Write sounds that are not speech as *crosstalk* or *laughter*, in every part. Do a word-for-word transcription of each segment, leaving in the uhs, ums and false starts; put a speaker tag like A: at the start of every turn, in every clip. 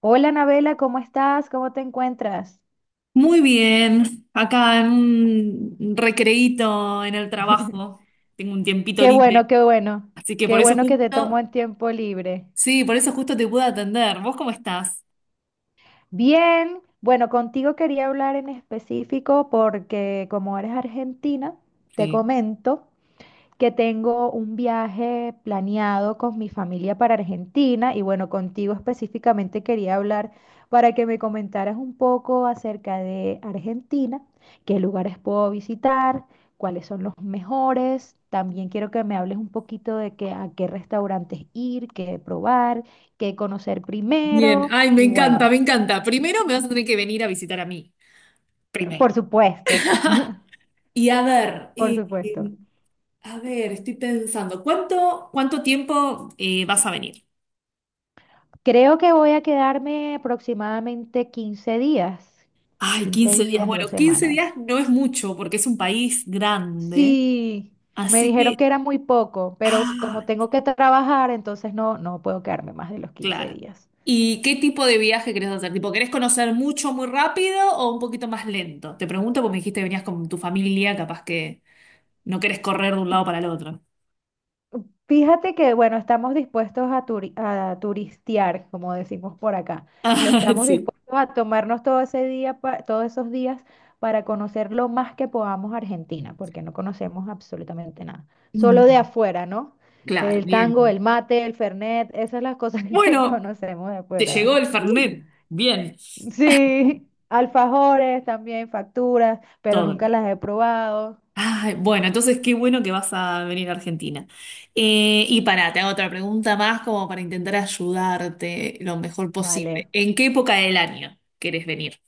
A: Hola, Anabela, ¿cómo estás? ¿Cómo te encuentras?
B: Muy bien, acá en un recreíto en el trabajo, tengo un tiempito
A: Qué
B: libre,
A: bueno, qué bueno.
B: así que por
A: Qué
B: eso
A: bueno que te tomo
B: justo,
A: en tiempo libre.
B: sí, por eso justo te pude atender. ¿Vos cómo estás?
A: Bien, bueno, contigo quería hablar en específico porque como eres argentina, te
B: Sí.
A: comento, que tengo un viaje planeado con mi familia para Argentina y bueno, contigo específicamente quería hablar para que me comentaras un poco acerca de Argentina, qué lugares puedo visitar, cuáles son los mejores. También quiero que me hables un poquito de que, a qué restaurantes ir, qué probar, qué conocer
B: Bien,
A: primero
B: ay, me
A: y
B: encanta,
A: bueno,
B: me encanta. Primero me vas a tener que venir a visitar a mí,
A: por
B: primero.
A: supuesto,
B: Y a ver,
A: por
B: eh,
A: supuesto.
B: eh, a ver, estoy pensando, ¿cuánto, cuánto tiempo eh, vas a venir?
A: Creo que voy a quedarme aproximadamente quince días,
B: Ay,
A: quince
B: quince días.
A: días, dos
B: Bueno, quince
A: semanas.
B: días no es mucho porque es un país grande,
A: Sí, me
B: así
A: dijeron
B: que...
A: que era muy poco, pero como
B: Ah.
A: tengo que trabajar, entonces no, no puedo quedarme más de los quince
B: Claro.
A: días.
B: ¿Y qué tipo de viaje querés hacer? ¿Tipo, querés conocer mucho muy rápido o un poquito más lento? Te pregunto porque me dijiste que venías con tu familia, capaz que no querés correr de un lado para el otro. *laughs*
A: Fíjate que, bueno, estamos dispuestos a, turi- a turistear, como decimos por acá.
B: Ah,
A: Estamos
B: sí.
A: dispuestos a tomarnos todo ese día, pa- todos esos días para conocer lo más que podamos Argentina, porque no conocemos absolutamente nada. Solo de
B: Mm.
A: afuera, ¿no?
B: Claro,
A: El
B: bien.
A: tango, el
B: Bien.
A: mate, el fernet, esas son las cosas *laughs* que
B: Bueno,
A: conocemos de
B: te llegó
A: afuera.
B: el Fernet. Bien,
A: Sí, alfajores también, facturas, pero
B: todo en
A: nunca
B: orden.
A: las he probado.
B: Ay, bueno, entonces qué bueno que vas a venir a Argentina. Eh, y para, te hago otra pregunta más como para intentar ayudarte lo mejor posible.
A: Vale.
B: ¿En qué época del año querés venir?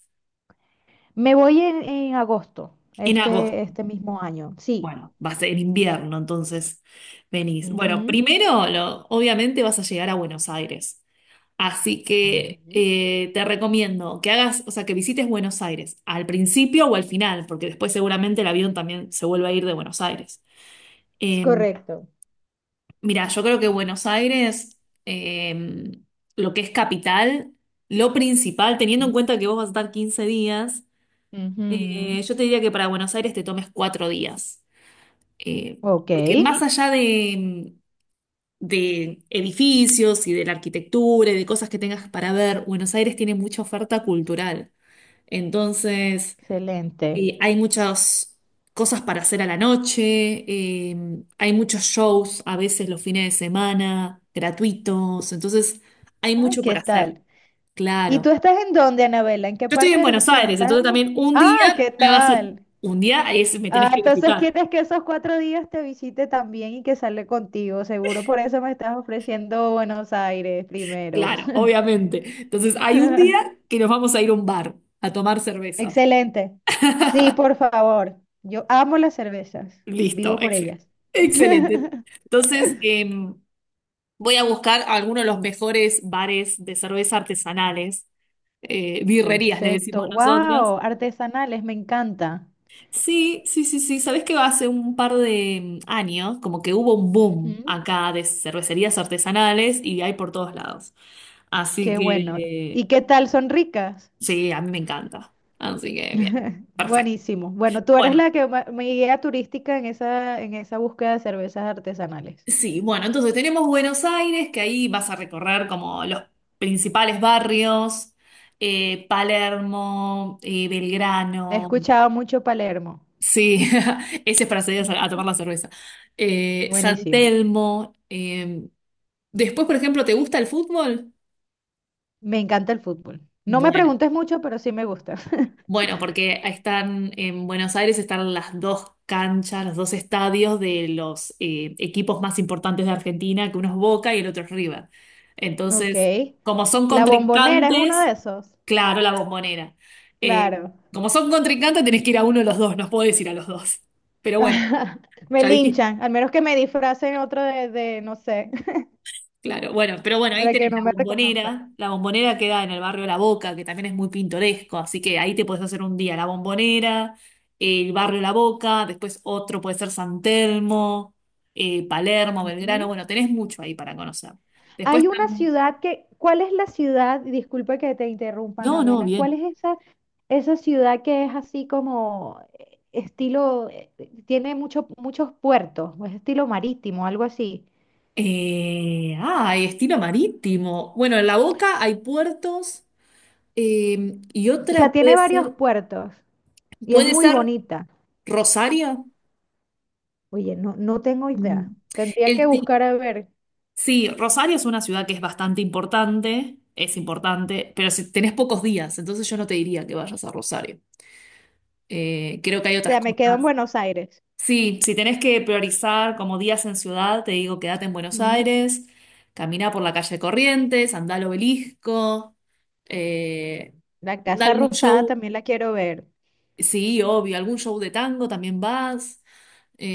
A: Me voy en, en agosto,
B: En agosto.
A: este, este mismo año. Sí.
B: Bueno, va a ser en invierno, entonces venís. Bueno,
A: Ujú.
B: primero, lo- obviamente vas a llegar a Buenos Aires. Así que
A: Ujú.
B: eh, te recomiendo que hagas, o sea, que visites Buenos Aires al principio o al final, porque después seguramente el avión también se vuelve a ir de Buenos Aires.
A: Es
B: Eh,
A: correcto.
B: mira, yo creo que Buenos Aires, eh, lo que es capital, lo principal, teniendo en cuenta que vos vas a estar quince días,
A: Ujú.
B: eh, yo te diría que para Buenos Aires te tomes cuatro días, Eh,
A: Ok,
B: porque más allá de, de edificios y de la arquitectura y de cosas que tengas para ver, Buenos Aires tiene mucha oferta cultural. Entonces,
A: excelente.
B: eh, hay muchas cosas para hacer a la noche, eh, hay muchos shows a veces los fines de semana, gratuitos. Entonces, hay
A: Ah,
B: mucho
A: ¿qué
B: para hacer,
A: tal? ¿Y
B: claro.
A: tú estás en dónde, Anabela? ¿En qué
B: Yo estoy
A: parte
B: en
A: de
B: Buenos
A: Argentina?
B: Aires,
A: ¿Estás
B: entonces
A: en Buenos-?
B: también un
A: Ah,
B: día
A: ¿qué
B: me vas a...
A: tal?
B: Un día es, me tenés
A: Ah,
B: que
A: entonces
B: visitar.
A: quieres que esos cuatro días te visite también y que sale contigo. Seguro por eso me estás ofreciendo Buenos Aires primero.
B: Claro, obviamente. Entonces, hay un
A: *laughs*
B: día que nos vamos a ir a un bar a tomar cervezas.
A: Excelente. Sí,
B: *laughs*
A: por favor. Yo amo las cervezas.
B: Listo,
A: Vivo por
B: excel-
A: ellas. *laughs*
B: excelente. Entonces, em, voy a buscar algunos de los mejores bares de cerveza artesanales, eh, birrerías le decimos
A: Perfecto.
B: nosotros.
A: Wow, artesanales, me encanta.
B: Sí, sí, sí, sí. Sabés que hace un par de em, años, como que hubo un boom
A: Ujú.
B: acá de cervecerías artesanales y hay por todos lados. Así
A: Qué bueno.
B: que,
A: ¿Y
B: eh,
A: qué tal? ¿Son ricas?
B: sí, a mí me encanta. Así que, bien, perfecto.
A: Buenísimo. Bueno, tú eres
B: Bueno,
A: la que ma- mi guía turística en esa, en esa búsqueda de cervezas artesanales.
B: sí, bueno, entonces tenemos Buenos Aires, que ahí vas a recorrer como los principales barrios, eh, Palermo, eh,
A: He
B: Belgrano,
A: escuchado mucho Palermo.
B: sí, *laughs* ese es para salir a, a
A: Ujú.
B: tomar la cerveza, eh, San
A: Buenísimo.
B: Telmo, eh, después, por ejemplo, ¿te gusta el fútbol?
A: Me encanta el fútbol. No me
B: Bueno.
A: preguntes mucho, pero sí me gusta. *laughs*
B: Bueno, porque están en Buenos Aires están las dos canchas, los dos estadios de los eh, equipos más importantes de Argentina, que uno es Boca y el otro es River.
A: Ok.
B: Entonces, como son
A: La Bombonera es uno
B: contrincantes.
A: de esos.
B: Claro, la Bombonera. Eh,
A: Claro.
B: Como son contrincantes, tenés que ir a uno de los dos, no podés ir a los dos. Pero bueno,
A: *laughs* Me
B: ya dijiste.
A: linchan, al menos que me disfracen otro de, de, no sé, *laughs*
B: Claro, bueno, pero bueno, ahí
A: para que
B: tenés
A: no
B: la
A: me reconozcan.
B: Bombonera. La Bombonera queda en el barrio La Boca, que también es muy pintoresco, así que ahí te puedes hacer un día la Bombonera, el barrio La Boca, después otro puede ser San Telmo, eh, Palermo, Belgrano,
A: Ujú.
B: bueno, tenés mucho ahí para conocer. Después
A: Hay una
B: tam-
A: ciudad que, ¿cuál es la ciudad? Disculpa que te interrumpa,
B: No, no,
A: Anabela. ¿Cuál
B: bien.
A: es esa, esa ciudad que es así como eh, estilo, eh, tiene mucho, muchos puertos, o es estilo marítimo, algo así?
B: Eh, ah, hay estilo marítimo. Bueno, en La Boca hay puertos eh, y
A: O sea,
B: otra
A: tiene
B: puede
A: varios
B: ser,
A: puertos y es
B: puede
A: muy
B: ser
A: bonita.
B: Rosario.
A: Oye, no, no tengo idea.
B: Mm.
A: Tendría que
B: El,
A: buscar a ver.
B: Sí, Rosario es una ciudad que es bastante importante, es importante, pero si tenés pocos días, entonces yo no te diría que vayas a Rosario. Eh, creo que hay
A: O
B: otras
A: sea, me quedo en
B: cosas.
A: Buenos Aires.
B: Sí, si tenés que priorizar como días en ciudad, te digo quédate en Buenos
A: Ujú.
B: Aires, camina por la calle Corrientes, andá al Obelisco, eh,
A: La
B: andá a
A: Casa
B: algún
A: Rosada
B: show,
A: también la quiero ver.
B: sí, obvio, algún show de tango también vas.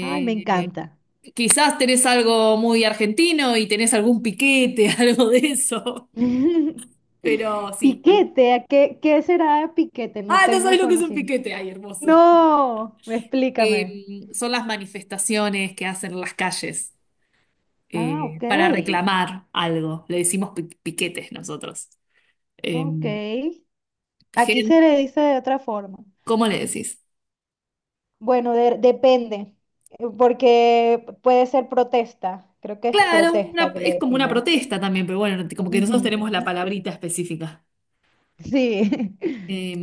A: Ay, me encanta.
B: Quizás tenés algo muy argentino y tenés algún piquete, *laughs* algo de eso.
A: *laughs*
B: Pero sí. em-
A: Piquete, ¿a qué, ¿qué será piquete? No
B: Ah, no sabes
A: tengo
B: lo que es un
A: conocimiento.
B: piquete. Ay, hermoso.
A: No, explícame.
B: Eh, son las manifestaciones que hacen en las calles
A: Ah,
B: eh,
A: ok,
B: para reclamar algo. Le decimos pi- piquetes nosotros. Eh,
A: ok. Aquí
B: gen-
A: se le dice de otra forma.
B: ¿Cómo le decís?
A: Bueno, de- depende, eh, porque puede ser protesta. Creo que es
B: Claro,
A: protesta
B: una-
A: que le
B: es como una
A: decimos.
B: protesta también, pero bueno, como que nosotros tenemos la
A: Ujú.
B: palabrita específica.
A: Sí. *laughs*
B: Eh,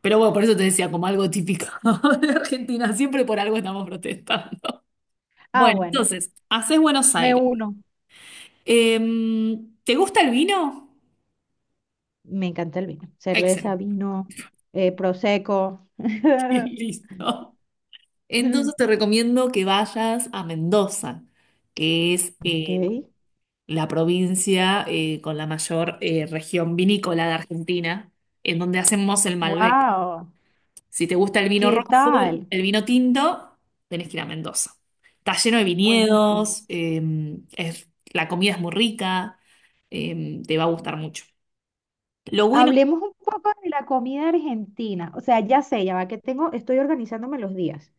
B: pero bueno, por eso te decía, como algo típico *laughs* de Argentina, siempre por algo estamos protestando.
A: Ah,
B: Bueno,
A: bueno,
B: entonces, haces Buenos
A: me
B: Aires.
A: uno.
B: Eh, ¿Te gusta el vino?
A: Me encanta el vino. Cerveza,
B: Excelente.
A: vino, eh, prosecco.
B: *laughs*
A: *laughs*
B: Listo. Entonces te recomiendo que vayas a Mendoza, que es
A: Ok.
B: eh, la provincia eh, con la mayor eh, región vinícola de Argentina, en donde hacemos el Malbec.
A: Wow.
B: Si te gusta el vino
A: ¿Qué
B: rojo,
A: tal?
B: el vino tinto, tenés que ir a Mendoza. Está lleno de
A: Buenísimo.
B: viñedos, eh, es- la comida es muy rica, eh, te va a gustar mucho. Lo bueno...
A: Hablemos un poco de la comida argentina. O sea, ya sé, ya va que tengo, estoy organizándome los días.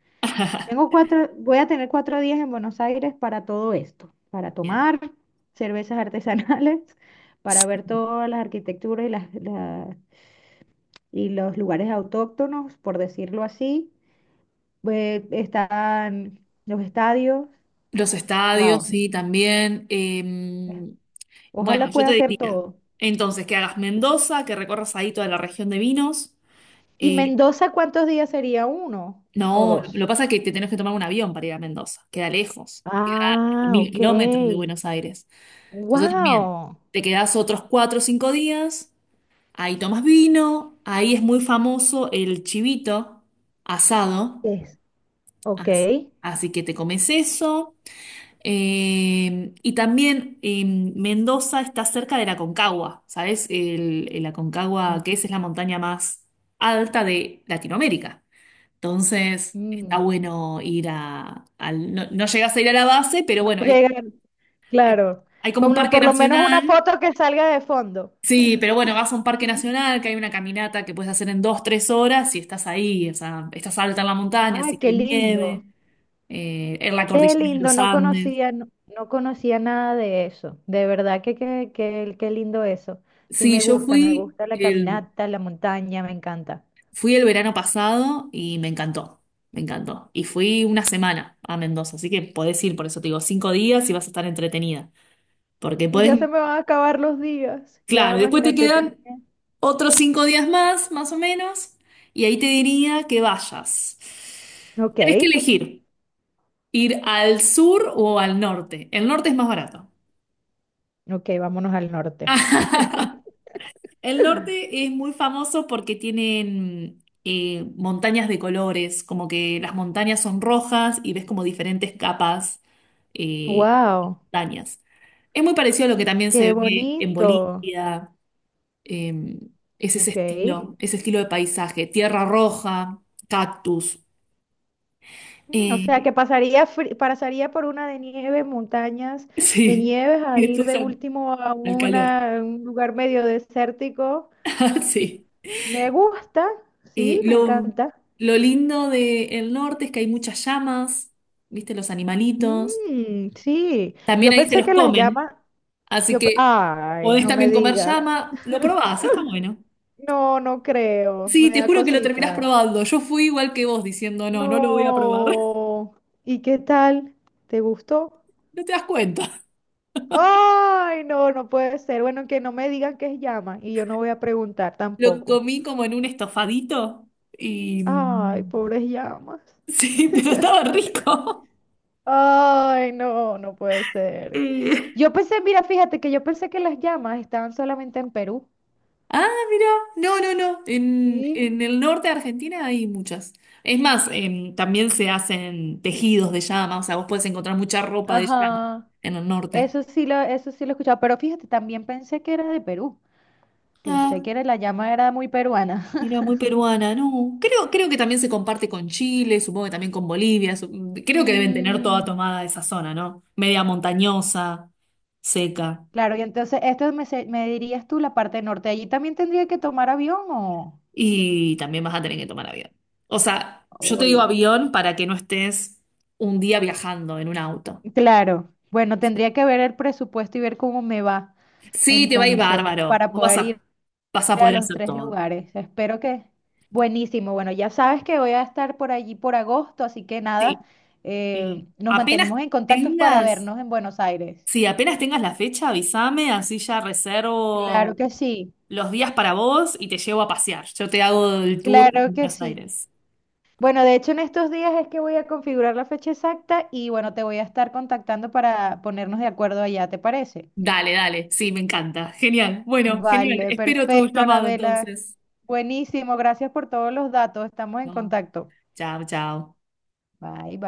A: Tengo
B: *laughs*
A: cuatro, voy a tener cuatro días en Buenos Aires para todo esto, para
B: Bien.
A: tomar cervezas artesanales, *laughs* para ver todas las arquitecturas y las, la- y los lugares autóctonos, por decirlo así. Eh, están los estadios.
B: Los estadios,
A: Wow,
B: sí, también. Eh, Bueno,
A: ojalá
B: yo
A: pueda
B: te
A: hacer
B: diría,
A: todo.
B: entonces, que hagas Mendoza, que recorras ahí toda la región de vinos.
A: ¿Y
B: Eh,
A: Mendoza cuántos días sería? ¿Uno o
B: no, lo
A: dos?
B: que pasa es que te tenés que tomar un avión para ir a Mendoza, queda lejos, queda a
A: Ah,
B: mil
A: ok.
B: kilómetros de Buenos Aires. Entonces también,
A: Wow.
B: te quedás otros cuatro o cinco días, ahí tomas vino, ahí es muy famoso el chivito asado,
A: Es. Ok.
B: as- así que te comes eso. Eh, y también eh, Mendoza está cerca de la Aconcagua, ¿sabes? El, el
A: Mm.
B: Aconcagua, que es, es la montaña más alta de Latinoamérica. Entonces, está
A: Mm.
B: bueno ir a... al- No, no llegas a ir a la base, pero
A: No
B: bueno, hay,
A: llegan,
B: hay,
A: claro.
B: hay como un
A: Como
B: parque
A: por lo menos una
B: nacional.
A: foto que salga de fondo.
B: Sí, pero bueno, vas a un parque nacional, que hay una caminata que puedes hacer en dos, tres horas y estás ahí, o sea, estás alta en la montaña, así
A: Ay,
B: que
A: qué
B: hay
A: lindo.
B: nieve, eh, en la
A: Qué
B: cordillera de
A: lindo,
B: los
A: no
B: Andes.
A: conocía, no, no conocía nada de eso. De verdad que, que, que- qué lindo eso. Sí
B: Sí,
A: me
B: yo
A: gusta, me
B: fui
A: gusta la
B: el,
A: caminata, la montaña, me encanta.
B: Fui el verano pasado y me encantó, me encantó. Y fui una semana a Mendoza, así que podés ir, por eso te digo, cinco días y vas a estar entretenida. Porque
A: Y ya
B: podés,
A: se me van a acabar los días. Ya
B: claro, después te
A: imagínate. Te-.
B: quedan otros cinco días más, más o menos, y ahí te diría que vayas.
A: Ok,
B: Tenés que elegir ir al sur o al norte. El norte es más barato.
A: ok, vámonos al norte. *laughs*
B: *laughs* El norte es muy famoso porque tienen eh, montañas de colores, como que las montañas son rojas y ves como diferentes capas eh,
A: Wow,
B: montañas. Es muy parecido a lo que también
A: qué
B: se ve en
A: bonito.
B: Bolivia, eh, es ese
A: Ok.
B: estilo, ese estilo de paisaje, tierra roja, cactus.
A: Mm, o sea,
B: eh,
A: que pasaría, fri- pasaría por una de nieve, montañas
B: *laughs*
A: de
B: sí,
A: nieves, a
B: y
A: ir
B: después
A: de
B: al,
A: último a
B: al calor.
A: una, un lugar medio desértico.
B: *laughs* Sí.
A: Me gusta,
B: Eh,
A: sí, me
B: lo,
A: encanta.
B: lo lindo del norte es que hay muchas llamas, viste, los animalitos.
A: Mm, sí,
B: También
A: yo
B: ahí se
A: pensé
B: los
A: que las
B: comen,
A: llamas,
B: así
A: yo, pe-
B: que
A: ay,
B: podés
A: no me
B: también comer
A: digas.
B: llama. Lo probás, está bueno.
A: No, no creo,
B: Sí,
A: me
B: te
A: da
B: juro que lo terminás
A: cosita.
B: probando. Yo fui igual que vos diciendo, no, no lo voy a probar. *laughs*
A: No, ¿y qué tal? ¿Te gustó?
B: No te das cuenta.
A: Ay, no, no puede ser. Bueno, que no me digan que es llama y yo no voy a preguntar
B: Lo
A: tampoco.
B: comí como en un estofadito y...
A: Ay, pobres llamas.
B: Sí, *laughs* pero estaba rico. *laughs*
A: Ay, no, no puede ser.
B: Eh,
A: Yo pensé, mira, fíjate que yo pensé que las llamas estaban solamente en Perú.
B: Ah, mira, no, no, no. En,
A: Sí.
B: en el norte de Argentina hay muchas. Es más, em, también se hacen tejidos de llama, o sea, vos podés encontrar mucha ropa de llama
A: Ajá.
B: en el norte.
A: Eso sí lo, eso sí lo he escuchado, pero fíjate, también pensé que era de Perú. Pensé
B: Ah,
A: que era, la llama era muy peruana. *laughs*
B: era muy peruana, no. Creo, creo que también se comparte con Chile, supongo que también con Bolivia. su- Creo que deben tener toda
A: Mm,
B: tomada esa zona, ¿no? Media montañosa, seca.
A: claro, y entonces esto me, se- me dirías tú la parte norte. Allí también tendría que tomar avión o...
B: Y también vas a tener que tomar avión. O sea, yo te digo
A: Ay.
B: avión para que no estés un día viajando en un auto.
A: Claro. Bueno, tendría que ver el presupuesto y ver cómo me va
B: Sí, te va a ir
A: entonces
B: bárbaro.
A: para
B: Vos vas
A: poder
B: a,
A: ir
B: vas a
A: a
B: poder
A: los
B: hacer
A: tres
B: todo.
A: lugares. Espero que... Buenísimo. Bueno, ya sabes que voy a estar por allí por agosto, así que nada,
B: Sí.
A: eh,
B: Y
A: nos
B: apenas
A: mantenemos en contacto para
B: tengas,
A: vernos en Buenos Aires.
B: sí, apenas tengas la fecha, avísame, así ya reservo
A: Claro que sí,
B: los días para vos y te llevo a pasear. Yo te hago el tour en
A: claro que
B: Buenos
A: sí.
B: Aires.
A: Bueno, de hecho en estos días es que voy a configurar la fecha exacta y bueno, te voy a estar contactando para ponernos de acuerdo allá, ¿te parece?
B: Dale, dale, sí, me encanta. Genial. Bueno, genial.
A: Vale,
B: Espero tu
A: perfecto,
B: llamado
A: Anabela.
B: entonces.
A: Buenísimo, gracias por todos los datos. Estamos en
B: No,
A: contacto.
B: chao, chao.
A: Bye, bye.